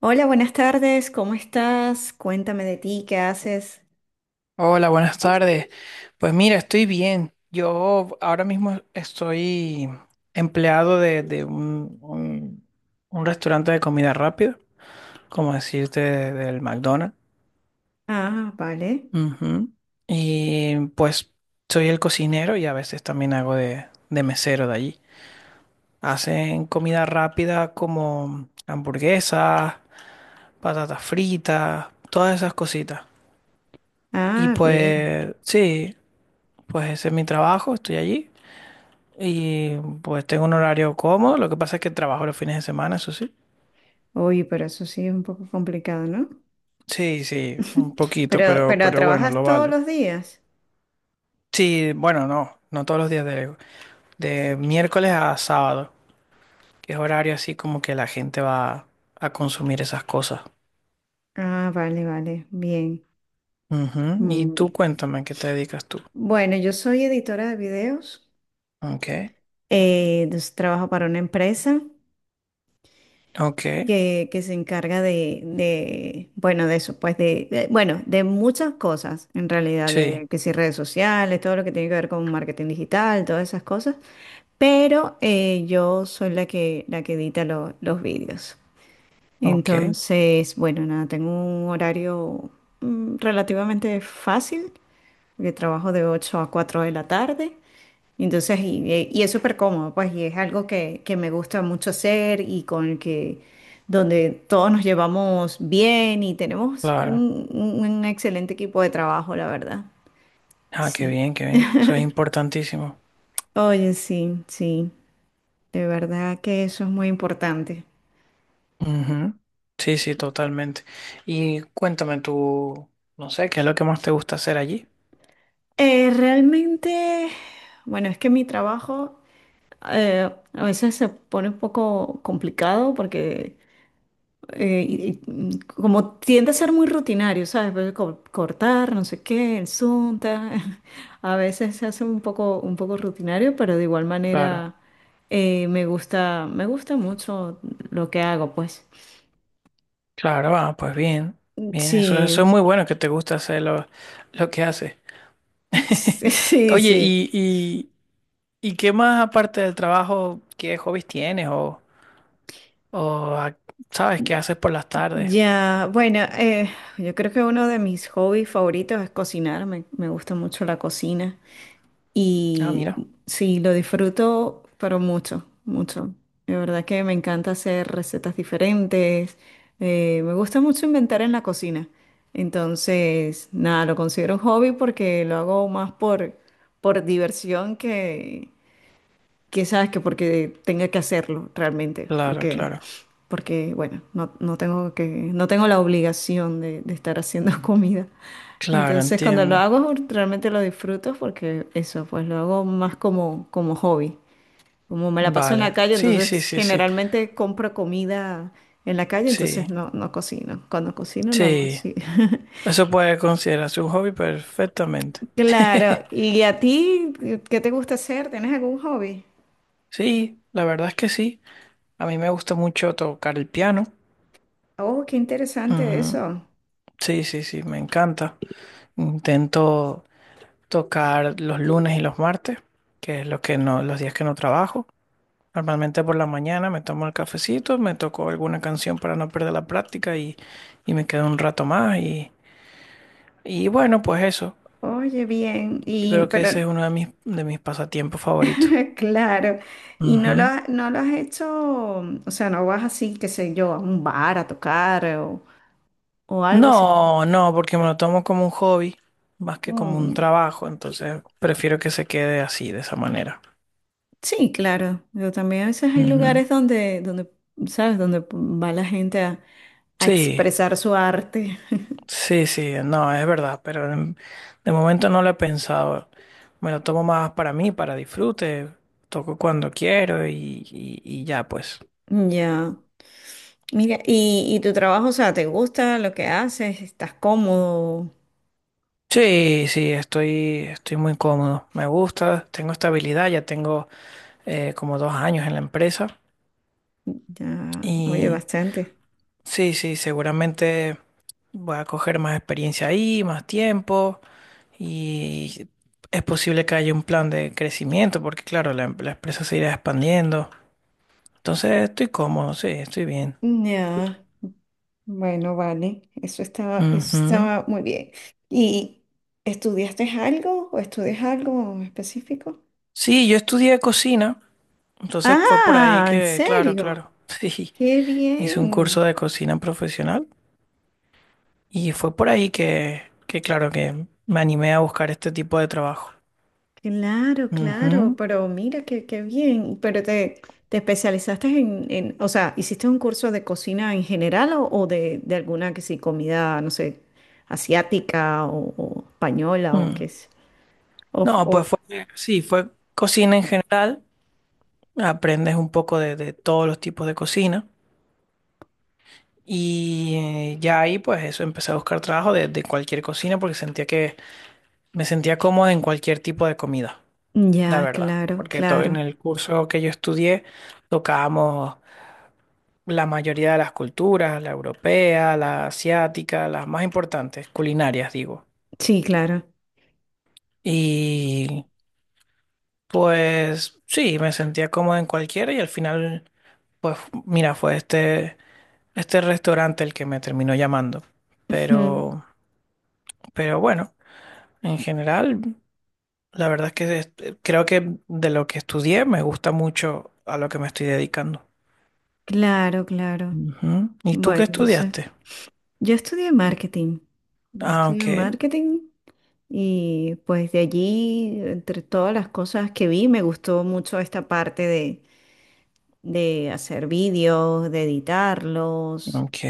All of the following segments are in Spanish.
Hola, buenas tardes, ¿cómo estás? Cuéntame de ti, ¿qué haces? Hola, buenas tardes. Pues mira, estoy bien. Yo ahora mismo estoy empleado de un restaurante de comida rápida, como decirte, del McDonald's. Ah, vale. Ujú. Y pues soy el cocinero y a veces también hago de mesero de allí. Hacen comida rápida como hamburguesas, patatas fritas, todas esas cositas. Y Ah, bien. pues sí, pues ese es mi trabajo, estoy allí. Y pues tengo un horario cómodo, lo que pasa es que trabajo los fines de semana, eso sí. Uy, pero eso sí es un poco complicado, ¿no? Sí, sí, un poquito, Pero, pero pero bueno, ¿trabajas lo todos vale. los días? Sí, bueno, no, no todos los días de miércoles a sábado, que es horario así como que la gente va a consumir esas cosas. Ah, vale, vale, bien. Ujú. Y Mm, tú bien. cuéntame, ¿a ¿qué te dedicas tú? Bueno, yo soy editora de videos, Ok, entonces trabajo para una empresa, ok, que se encarga bueno, de eso, pues bueno, de muchas cosas en realidad, sí, de que si redes sociales, todo lo que tiene que ver con marketing digital, todas esas cosas, pero yo soy la que edita los vídeos. ok, Entonces, bueno, nada, tengo un horario relativamente fácil porque trabajo de 8 a 4 de la tarde. Entonces, y es súper cómodo, pues, y es algo que me gusta mucho hacer donde todos nos llevamos bien y tenemos claro. un excelente equipo de trabajo, la verdad. Ah, Sí. Qué bien, eso es importantísimo. Oye, sí, sí, de verdad que eso es muy importante. Ujú. Sí, sí, totalmente. Y cuéntame tú, no sé, ¿qué es lo que más te gusta hacer allí? Realmente, bueno, es que mi trabajo, a veces se pone un poco complicado porque como tiende a ser muy rutinario, ¿sabes? Pues, cortar, no sé qué, el Zoom. A veces se hace un poco rutinario, pero de igual Claro, manera, me gusta mucho lo que hago, pues. claro, ah, pues bien, bien, eso Sí, es muy bueno que te gusta hacer lo que haces. sí, Sí. Oye, Sí. ¿Y qué más aparte del trabajo, qué hobbies tienes o sabes qué haces por las tardes? Ya, bueno, yo creo que uno de mis hobbies favoritos es cocinar, me gusta mucho la cocina. Ah, Y mira, sí, lo disfruto, pero mucho, mucho. De verdad que me encanta hacer recetas diferentes. Me gusta mucho inventar en la cocina. Entonces, nada, lo considero un hobby porque lo hago más por diversión, que sabes que porque tenga que hacerlo realmente, claro, porque, claro, porque bueno, no tengo la obligación de estar haciendo comida. claro, Entonces cuando lo entiendo. hago realmente lo disfruto porque eso, pues lo hago más como hobby. Como me la paso en la Vale, calle, sí, sí, entonces sí, sí, generalmente compro comida en la calle, entonces sí, no cocino. Cuando cocino lo hago sí. así. Eso puede considerarse un hobby perfectamente. Claro, ¿y a ti qué te gusta hacer? ¿Tienes algún hobby? Sí, la verdad es que sí. A mí me gusta mucho tocar el piano. Oh, qué interesante Ujú. eso. Sí, sí, sí, me encanta. Intento tocar los lunes y los martes, que es lo que no, los días que no trabajo. Normalmente por la mañana me tomo el cafecito, me toco alguna canción para no perder la práctica y me quedo un rato más. Y bueno, pues eso. Oye, bien, Yo y creo que pero ese es uno de mis pasatiempos favoritos. claro, y Ujú. No lo has hecho, o sea, no vas así, qué sé yo, a un bar a tocar, o algo así. No, no, porque me lo tomo como un hobby más que como un Mm, trabajo, entonces prefiero que se quede así, de esa manera. sí, claro, pero también a veces hay Ujú. lugares donde, ¿sabes? Donde va la gente a Sí, expresar su arte. sí, sí, no, es verdad, pero de momento no lo he pensado. Me lo tomo más para mí, para disfrute, toco cuando quiero y ya pues. Ya. Mira, y tu trabajo, o sea, ¿te gusta lo que haces? ¿Estás cómodo? Sí, sí, estoy muy cómodo, me gusta, tengo estabilidad, ya tengo como dos años en la empresa Ya, oye, y bastante. sí, sí, seguramente... Voy a coger más experiencia ahí, más tiempo y es posible que haya un plan de crecimiento porque claro, la empresa se irá expandiendo. Entonces estoy cómodo, sí, estoy bien. Ya. Bueno, vale, eso estaba, eso Ujú. estaba muy bien. ¿Y estudiaste algo o estudias algo específico? Sí, yo estudié cocina, entonces fue por ahí Ah, ¿en que, claro, serio? claro, sí, Qué hice un curso bien, de cocina profesional y fue por ahí que claro, que me animé a buscar este tipo de trabajo. claro, claro, Ujú. pero mira qué bien. Pero te especializaste o sea, ¿hiciste un curso de cocina en general, o de alguna, que sí, comida, no sé, asiática, o española, o Mm. qué es? O, No, pues o- fue, sí, fue cocina en general. Aprendes un poco de todos los tipos de cocina y ya ahí pues eso empecé a buscar trabajo de cualquier cocina porque sentía que me sentía cómodo en cualquier tipo de comida, la ya, verdad, claro, porque en claro. el curso que yo estudié tocábamos la mayoría de las culturas, la europea, la asiática, las más importantes, culinarias digo. Sí, claro. Y pues sí, me sentía cómodo en cualquiera y al final pues mira, fue este restaurante el que me terminó llamando. Ujú. Pero, pero bueno, en general, la verdad es que creo que de lo que estudié me gusta mucho a lo que me estoy dedicando. Claro, claro. Ujú. ¿Y tú qué Bueno, eso. estudiaste? Yo estudié marketing. Yo Ah, estudié ok, marketing y pues de allí, entre todas las cosas que vi, me gustó mucho esta parte de hacer vídeos, de editarlos. ok,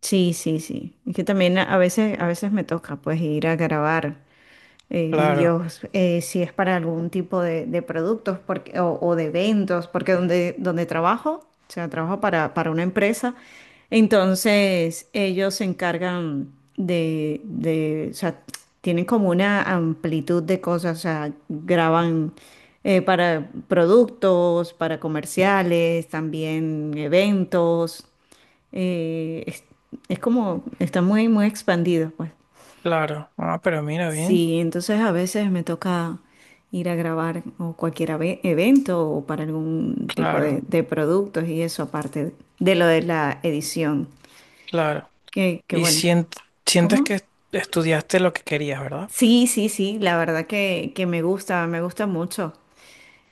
Sí, sí, sí. Es que también a veces me toca pues ir a grabar. eh, claro, vídeos, si es para algún tipo de productos porque, o de eventos, porque donde trabajo, o sea, trabajo para una empresa, entonces ellos se encargan o sea, tienen como una amplitud de cosas, o sea, graban, para productos, para comerciales, también eventos, eh, es, es como, está muy, muy expandido, pues. claro. Ah, pero mira bien, Sí, entonces a veces me toca ir a grabar o cualquier evento o para algún tipo de, claro, de productos y eso aparte de lo de la edición. claro. Que Y bueno. Sientes ¿Cómo? que estudiaste lo que querías, ¿verdad? Sí, sí, sí, la verdad que me gusta mucho.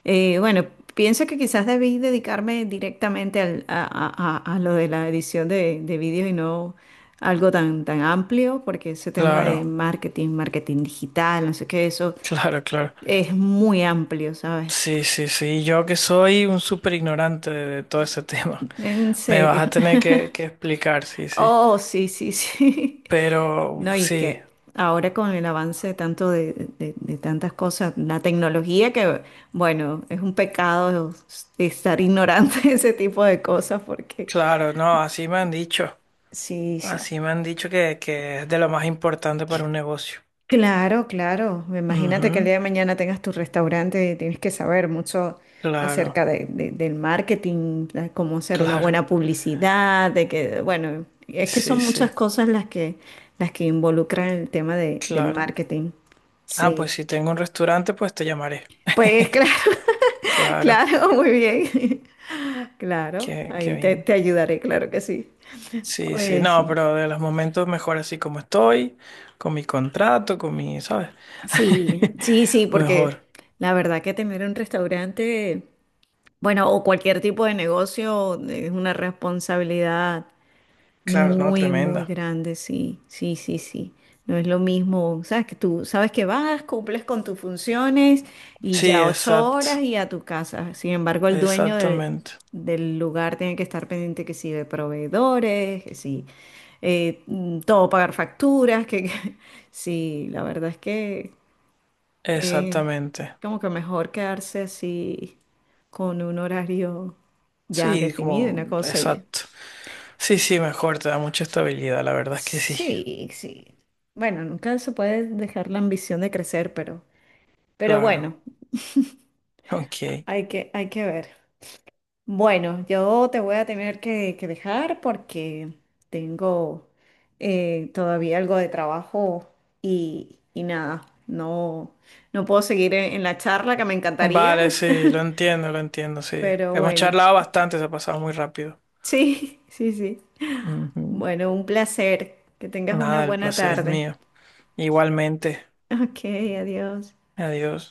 Bueno, pienso que quizás debí dedicarme directamente a lo de la edición de vídeos y no algo tan amplio, porque ese tema de Claro, marketing digital, no sé qué, eso. claro, claro. Es muy amplio, ¿sabes? Sí, sí, sí. Yo que soy un súper ignorante de todo ese tema. En Me vas serio. a tener que explicar, sí, sí. Oh, sí, sí, sí. Pero No, y es sí, que ahora con el avance de tanto de tantas cosas, la tecnología que, bueno, es un pecado estar ignorante de ese tipo de cosas porque claro, no, así me han dicho. sí, sí. Así me han dicho que es de lo más importante para un negocio. Claro, claro. Imagínate que el día Ujú. de mañana tengas tu restaurante y tienes que saber mucho acerca Claro, del marketing, de cómo hacer una claro. buena publicidad, de que, bueno, es que Sí, son muchas sí, cosas las que, involucran el tema del claro. marketing. Ah, pues Sí. si tengo un restaurante, pues te llamaré. Pues claro, Claro, claro, muy bien. Claro, qué, qué ahí te, bien. te ayudaré, claro que sí. Sí, sí, Oye, no, sí. pero de los momentos mejor así como estoy, con mi contrato, con mi, ¿sabes? Sí, sí, sí, Mejor. porque la verdad que tener un restaurante, bueno, o cualquier tipo de negocio, es una responsabilidad Claro, no, muy, muy tremenda. grande, sí, sí, sí, sí. No es lo mismo, sabes que tú sabes que vas, cumples con tus funciones y Sí, ya ocho exacto. horas y a tu casa. Sin embargo, el dueño de- Exactamente, del lugar tiene que estar pendiente que sí de proveedores, que sí, todo pagar facturas, sí, la verdad es que, eh, exactamente. como que mejor quedarse así con un horario ya Sí, definido, como, una cosa. Exacto. Sí, sí, mejor, te da mucha estabilidad, la verdad es que sí, Sí, sí. Bueno, nunca se puede dejar la ambición de crecer, pero, claro. bueno, Ok. hay que ver. Bueno, yo te voy a tener que dejar porque tengo, todavía algo de trabajo y nada, no puedo seguir en la charla, que me encantaría. Vale, sí, lo entiendo, sí. Pero Hemos bueno, charlado bastante, se ha pasado muy rápido. sí, sí, sí. Ujú. Bueno, un placer. Que tengas una Nada, el buena placer es tarde. mío. Igualmente, Ok, adiós. adiós.